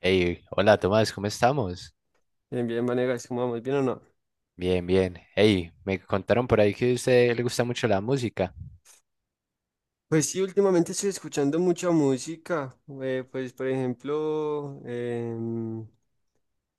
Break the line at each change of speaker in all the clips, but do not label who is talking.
Hey, hola Tomás, ¿cómo estamos?
Bien, bien, Vanegas, ¿cómo vamos? ¿Bien o no?
Bien, bien. Hey, me contaron por ahí que a usted le gusta mucho la música.
Pues sí, últimamente estoy escuchando mucha música. Por ejemplo,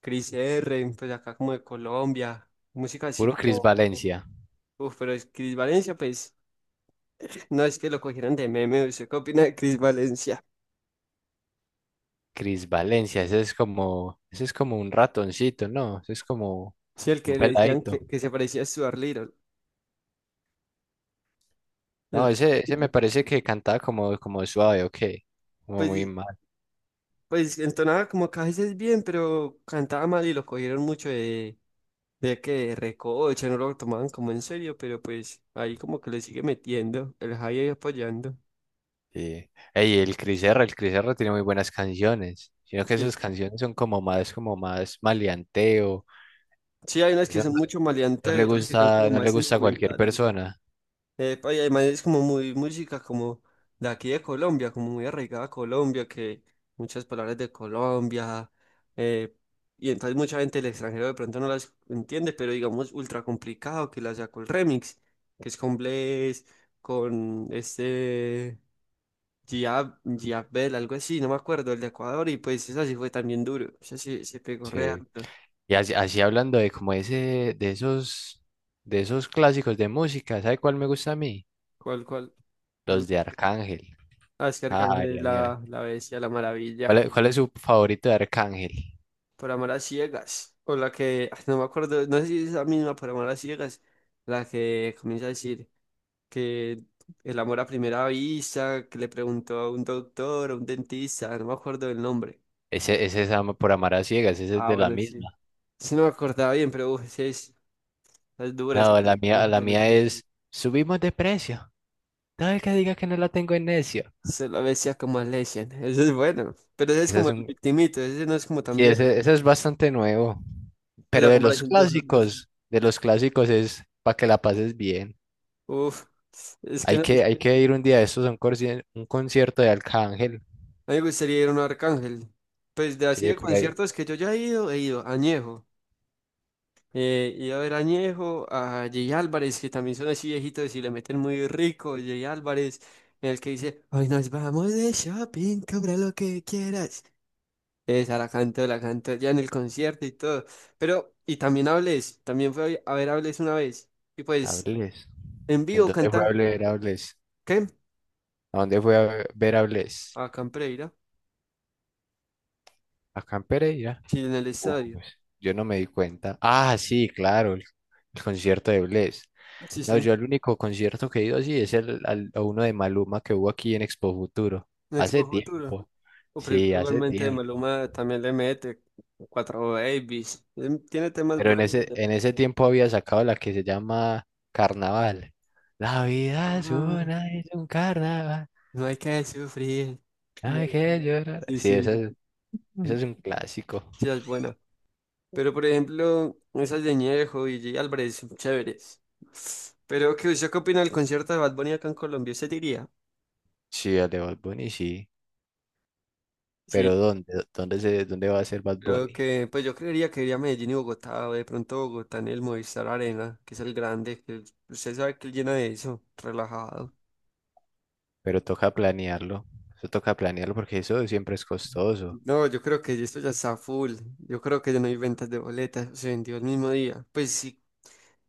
Cris R, pues acá como de Colombia. Música así
Puro Cris
como.
Valencia.
Uf, pero es Cris Valencia, pues. No es que lo cogieran de meme. ¿Usted qué opina de Cris Valencia?
Cris Valencia, ese es como un ratoncito, ¿no? Ese es como
Sí, el
un
que le decían que,
peladito.
que se parecía a Stuart Little. El
No, ese me
peladito.
parece que cantaba como, como suave, ok. Como muy
Pues,
mal.
pues entonaba como que a veces bien, pero cantaba mal y lo cogieron mucho de. De que recocha, no lo tomaban como en serio, pero pues ahí como que le sigue metiendo, el Jai ahí apoyando.
Sí. Ey, el Cris R tiene muy buenas canciones. Sino que esas
Sí,
canciones son como más maleanteo.
sí, hay unas
Eso
que
no
son mucho
no
maleantes y
le
otras que son
gusta,
como
no le
más
gusta a cualquier
sentimentales.
persona.
Epa, y además es como muy música como de aquí de Colombia, como muy arraigada a Colombia, que muchas palabras de Colombia, eh, y entonces mucha gente del extranjero de pronto no las entiende, pero digamos ultra complicado que la sacó el remix, que es con Blaze, con este... Gia Bell, algo así, no me acuerdo, el de Ecuador, y pues esa sí fue también duro, esa sí se pegó re
Sí.
harto.
Y así, así hablando de como ese, de esos clásicos de música, ¿sabe cuál me gusta a mí?
¿Cuál, cuál? te gu-
Los de Arcángel.
Ah, es que Arcángel
Ay,
es
ay, ay.
la bestia, la maravilla,
Cuál es su favorito de Arcángel?
por amar a ciegas, o la que, ah, no me acuerdo, no sé si es la misma, por amar a ciegas, la que comienza a decir que el amor a primera vista, que le preguntó a un doctor, a un dentista, no me acuerdo el nombre.
Ese es por Amar a Ciegas, ese es
Ah,
de la
bueno, sí.
misma.
Sí, no me acordaba bien, pero uf, sí es dura, es-
No,
que
la
le mete.
mía es Subimos de precio. Todo el que diga que no la tengo en necio.
Se lo decía como a Legend. Ese es bueno. Pero ese es
Ese
como
es
el
un,
victimito. Ese no es como tan
sí,
viejo.
ese es bastante nuevo.
Pues
Pero
a comparación de los otros.
de los clásicos es para que la pases bien.
Uf. Es que
Hay
no-
que,
es-
hay que ir un día de estos a un concierto de Arcángel.
A mí me gustaría ir a un Arcángel. Pues de así
Sí,
de
por ahí.
conciertos que yo ya he ido a Añejo. He ido a ver a Añejo, a Jay Álvarez, que también son así viejitos y le meten muy rico. Jay Álvarez, en el que dice: Hoy nos vamos de shopping, compra lo que quieras. Esa la canto ya en el concierto y todo. Pero, y también hables, también fue a ver hables una vez. Y pues,
Hables.
en
¿En
vivo
dónde fue a
canta,
ver Hables?
¿qué?
¿A dónde fue a ver Hables?
A Campreira,
Acá en Pereira.
sí, en el estadio.
Pues, yo no me di cuenta. Ah, sí, claro, el concierto de Bless.
Sí, sí,
No,
en
yo el único concierto que he ido así es a uno de Maluma que hubo aquí en Expo Futuro. Hace
Expo Futuro.
tiempo.
O pero
Sí, hace
igualmente de
tiempo.
Maluma también le mete cuatro babies. Tiene temas
Pero
buenos.
en ese tiempo había sacado la que se llama Carnaval. La vida es
Ah,
una, es un carnaval.
no hay que sufrir.
No
No
hay
hay-
que llorar.
Sí,
Sí, esa
sí,
es. Ese
ujú.
es un clásico.
Sí, es buena. Pero por ejemplo, esas de Ñejo y J. Álvarez son chéveres. Pero ¿qué usted qué opina del concierto de Bad Bunny acá en Colombia? ¿Usted diría?
Sí, al de Bad Bunny, sí. Pero
Sí,
¿dónde? ¿Dónde se, dónde va a ser Bad
creo
Bunny?
que, pues yo creería que iría a Medellín y Bogotá, o de pronto Bogotá en el Movistar Arena, que es el grande, usted sabe que él llena de eso, relajado.
Pero toca planearlo. Eso toca planearlo porque eso siempre es costoso.
No, yo creo que esto ya está full. Yo creo que ya no hay ventas de boletas, se vendió el mismo día. Pues sí,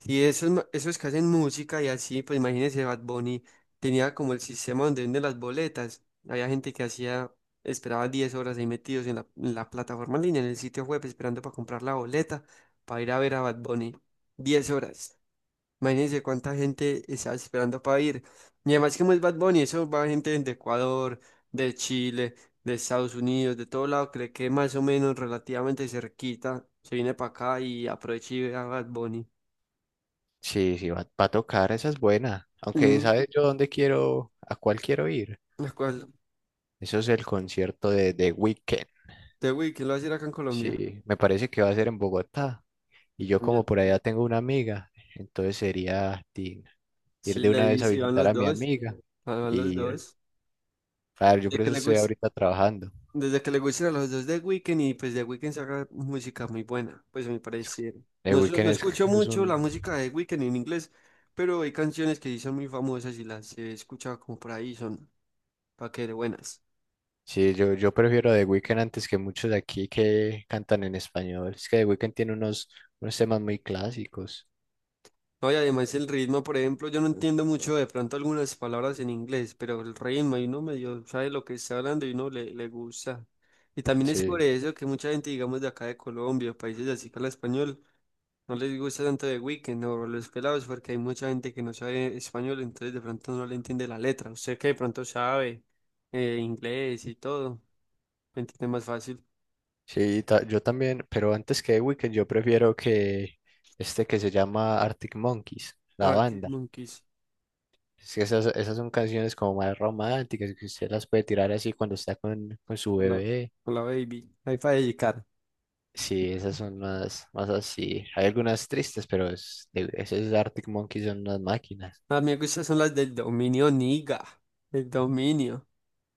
y esos, esos que hacen música y así, pues imagínense, Bad Bunny tenía como el sistema donde venden las boletas. Había gente que hacía, esperaba 10 horas ahí metidos en la plataforma en línea, en el sitio web, esperando para comprar la boleta, para ir a ver a Bad Bunny. 10 horas. Imagínense cuánta gente estaba esperando para ir. Y además, como es Bad Bunny, eso va gente de Ecuador, de Chile, de Estados Unidos, de todo lado, cree que más o menos relativamente cerquita, se viene para acá y aprovecha y ve a Bad Bunny.
Sí, sí, va, va a tocar, esa es buena. Aunque,
Mm.
¿sabes yo dónde quiero, a cuál quiero ir?
Me acuerdo.
Eso es el concierto de The Weeknd.
¿De Wii, lo va a decir acá en Colombia?
Sí, me parece que va a ser en Bogotá. Y yo como
También.
por allá tengo una amiga, entonces sería tin, ir de
Chile
una
y
vez a
si van
visitar
los
a mi
dos.
amiga
Van los
y ir.
dos.
Claro, yo
Desde
por
que
eso
le
estoy
guste,
ahorita trabajando.
desde que le gusten a los dos de Weeknd y pues de Weeknd saca música muy buena, pues a mi parecer.
The
No,
Weeknd
no
es,
escucho
es
mucho la
un...
música de Weeknd en inglés, pero hay canciones que sí son muy famosas y las he escuchado como por ahí, son pa' que de buenas.
Sí, yo prefiero The Weeknd antes que muchos de aquí que cantan en español. Es que The Weeknd tiene unos, unos temas muy clásicos.
No, y además el ritmo, por ejemplo, yo no entiendo mucho de pronto algunas palabras en inglés, pero el ritmo, y uno medio sabe lo que está hablando y uno le, le gusta. Y también es por
Sí,
eso que mucha gente, digamos, de acá de Colombia, países así que habla español, no les gusta tanto de Weekend o los pelados, porque hay mucha gente que no sabe español, entonces de pronto no le entiende la letra. Usted que de pronto sabe inglés y todo, entiende más fácil.
sí, yo también, pero antes que The Weeknd yo prefiero que este que se llama Arctic Monkeys, la
Arctic
banda.
Monkeys.
Es que esas, esas son canciones como más románticas, que usted las puede tirar así cuando está con su
Hola,
bebé.
hola baby. Hay para dedicar.
Sí, esas son más, más así. Hay algunas tristes, pero esas Arctic Monkeys son unas máquinas.
A mí me gustan son las del dominio Niga, el dominio.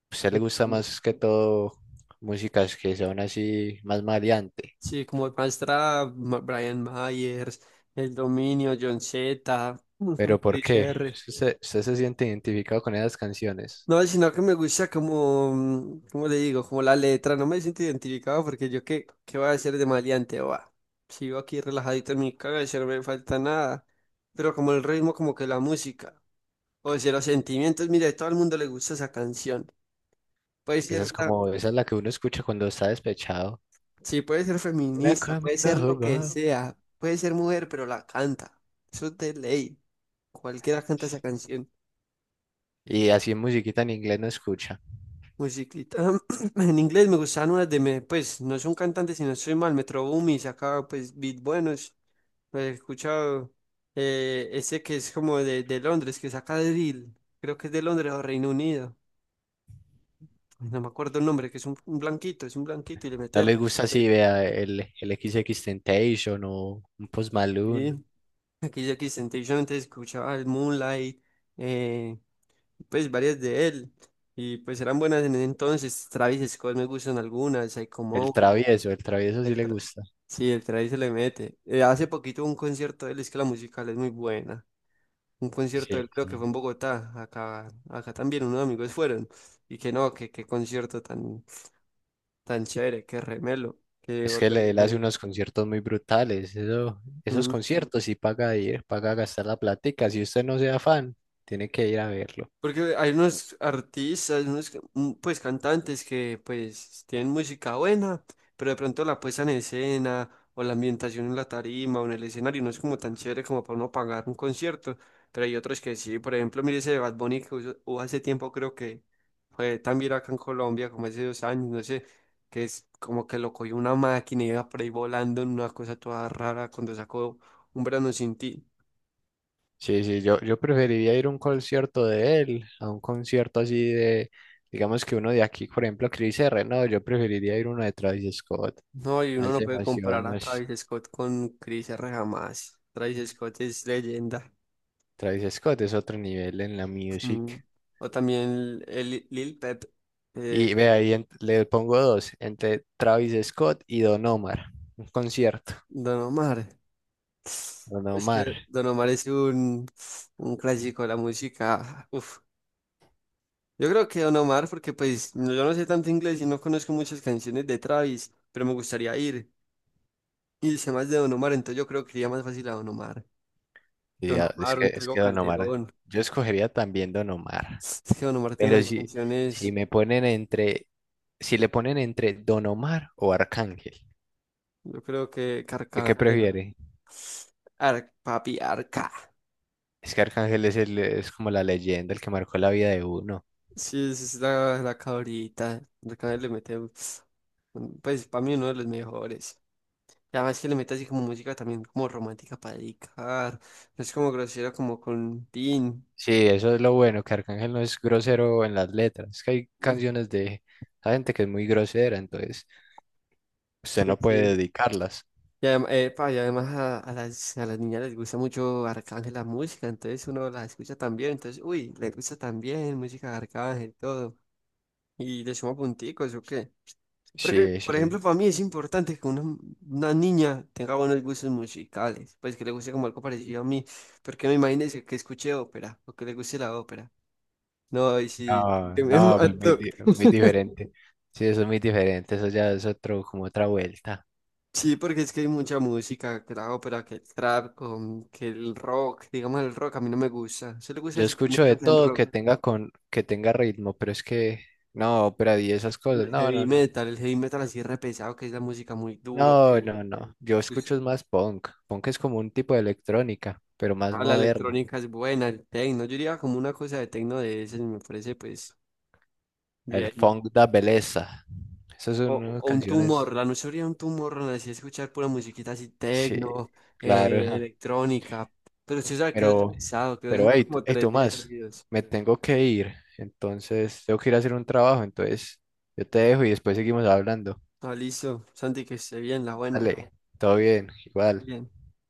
Pues, a usted le
El
gusta
dom-
más que todo músicas que son así más maleante.
Sí, como Brian Myers, el dominio John Z, mm,
¿Pero por
Chris
qué?
R.
Es que ¿usted, usted se siente identificado con esas canciones?
No, sino que me gusta como, mm, ¿cómo le digo? Como la letra, no me siento identificado porque yo qué, qué voy a hacer de maleante, va. Sigo aquí relajadito en mi cabeza, no me falta nada. Pero como el ritmo, como que la música, o sea, los sentimientos, mire, a todo el mundo le gusta esa canción. Puede
Esa
ser
es
la-
como, esa es la que uno escucha cuando está despechado.
Sí, puede ser
Una
feminista, puede
conmigo
ser lo
jugó.
que sea, puede ser mujer, pero la canta. Eso es de ley. Cualquiera canta esa canción.
Y así musiquita en inglés no escucha.
Musiclita. En inglés me gustaban unas de, pues, no son cantantes, si no soy mal, Metro Boomin sacaba, pues, beat buenos. Lo he escuchado. Ese que es como de Londres, que saca drill. Creo que es de Londres o Reino Unido. No me acuerdo el nombre, que es un blanquito, es un blanquito y le mete.
No le gusta así,
Drill.
vea, el XXXTentacion o un Post Malone.
Sí. Aquí, aquí, Temptation, antes escuchaba el Moonlight. eh, pues varias de él y pues eran buenas en ese entonces. Travis Scott me gustan algunas, Psycho Mode,
El travieso sí
el
le
tra-
gusta.
sí, el Travis se le mete. Hace poquito un concierto de él, es que la musical es muy buena. Un concierto de
Sí,
él creo que fue
sí.
en Bogotá, acá también unos amigos fueron y que no, que qué concierto tan, tan chévere, que remelo, que
Es que
volverían
él
a
hace
ir.
unos conciertos muy brutales. Eso, esos conciertos sí paga ir, paga gastar la platica. Si usted no sea fan, tiene que ir a verlo.
Porque hay unos artistas, mm, pues cantantes que pues tienen música buena, pero de pronto la puesta en escena o la ambientación en la tarima o en el escenario no es como tan chévere como para uno pagar un concierto. Pero hay otros que sí, por ejemplo, mire ese de Bad Bunny que hubo hace tiempo creo que fue también acá en Colombia como hace 2 años, no sé, que es como que lo cogió una máquina y iba por ahí volando en una cosa toda rara cuando sacó Un verano sin ti.
Sí, sí, yo preferiría ir a un concierto de él, a un concierto así de, digamos que uno de aquí, por ejemplo, Chris R. No, yo preferiría ir a uno de Travis Scott.
No, y uno
Más
no puede comparar
emoción,
a
más.
Travis Scott con Chris R. jamás. Travis Scott es leyenda.
Travis Scott es otro nivel en la
Mm.
music.
O también el Lil Pep, eh,
Y ve ahí, le pongo dos, entre Travis Scott y Don Omar. Un concierto.
Don Omar.
Don
Es que
Omar.
Don Omar es un clásico de la música. Uf. Yo creo que Don Omar, porque pues no- yo no sé tanto inglés y no conozco muchas canciones de Travis, pero me gustaría ir. Y sé más de Don Omar, entonces yo creo que iría más fácil a Don Omar.
Sí,
Don Omar, un
es
Tego
que Don Omar,
Calderón.
yo escogería también Don Omar,
Es que Don Omar tiene
pero
unas
si, si
canciones.
me ponen entre, si le ponen entre Don Omar o Arcángel,
Yo creo que
¿de qué
Carcabandel.
prefiere?
Ar, papi, Arca.
Es que Arcángel es, el, es como la leyenda, el que marcó la vida de uno.
Sí, esa es la, la cabrita. Arcángel le mete, pues para mí uno de los mejores. Y además que le mete así como música también como romántica para dedicar. No es como grosero como con Tin.
Sí, eso es lo bueno, que Arcángel no es grosero en las letras, es que hay
Mm,
canciones de la gente que es muy grosera, entonces usted
sí,
no puede
sí.
dedicarlas.
Y epa, y además, a, a las niñas les gusta mucho Arcángel la música, entonces uno la escucha también. Entonces, uy, le gusta también música de Arcángel, todo. Y le suma punticos, ¿o qué? Porque,
Sí,
por
sí,
ejemplo, para mí es importante que una niña tenga buenos gustos musicales, pues que le guste como algo parecido a mí, porque me imagínese que escuche ópera o que le guste la ópera. No, y sí,
no,
que me
no, pues muy,
mato.
muy diferente. Sí, eso es muy diferente, eso ya es otro, como otra vuelta.
Sí, porque es que hay mucha música, que la ópera, que el trap, que el rock, digamos el rock, a mí no me gusta. Se le gusta
Yo
así como
escucho de
música en
todo que
rock,
tenga con, que tenga ritmo, pero es que, no, ópera y esas cosas, no, no,
el heavy metal así re pesado, que es la música muy duro,
no,
que
no, no, no. Yo
pues,
escucho es más punk. Punk es como un tipo de electrónica, pero más
ah, la
moderna.
electrónica es buena, el techno, yo diría como una cosa de techno de ese, me parece pues
El
bien.
funk da belleza. Esas son unas
O un tumor,
canciones.
la noche sería un tumor, así escuchar pura musiquita así,
Sí,
tecno,
claro, ajá.
electrónica. Pero si sabes que es
Pero,
pesado, que son
pero hey,
como
hey,
3 días
Tomás,
seguidos.
me tengo que ir. Entonces, tengo que ir a hacer un trabajo. Entonces, yo te dejo y después seguimos hablando.
Ah, listo. Santi, que esté bien, la buena.
Dale, todo bien, igual.
Bien.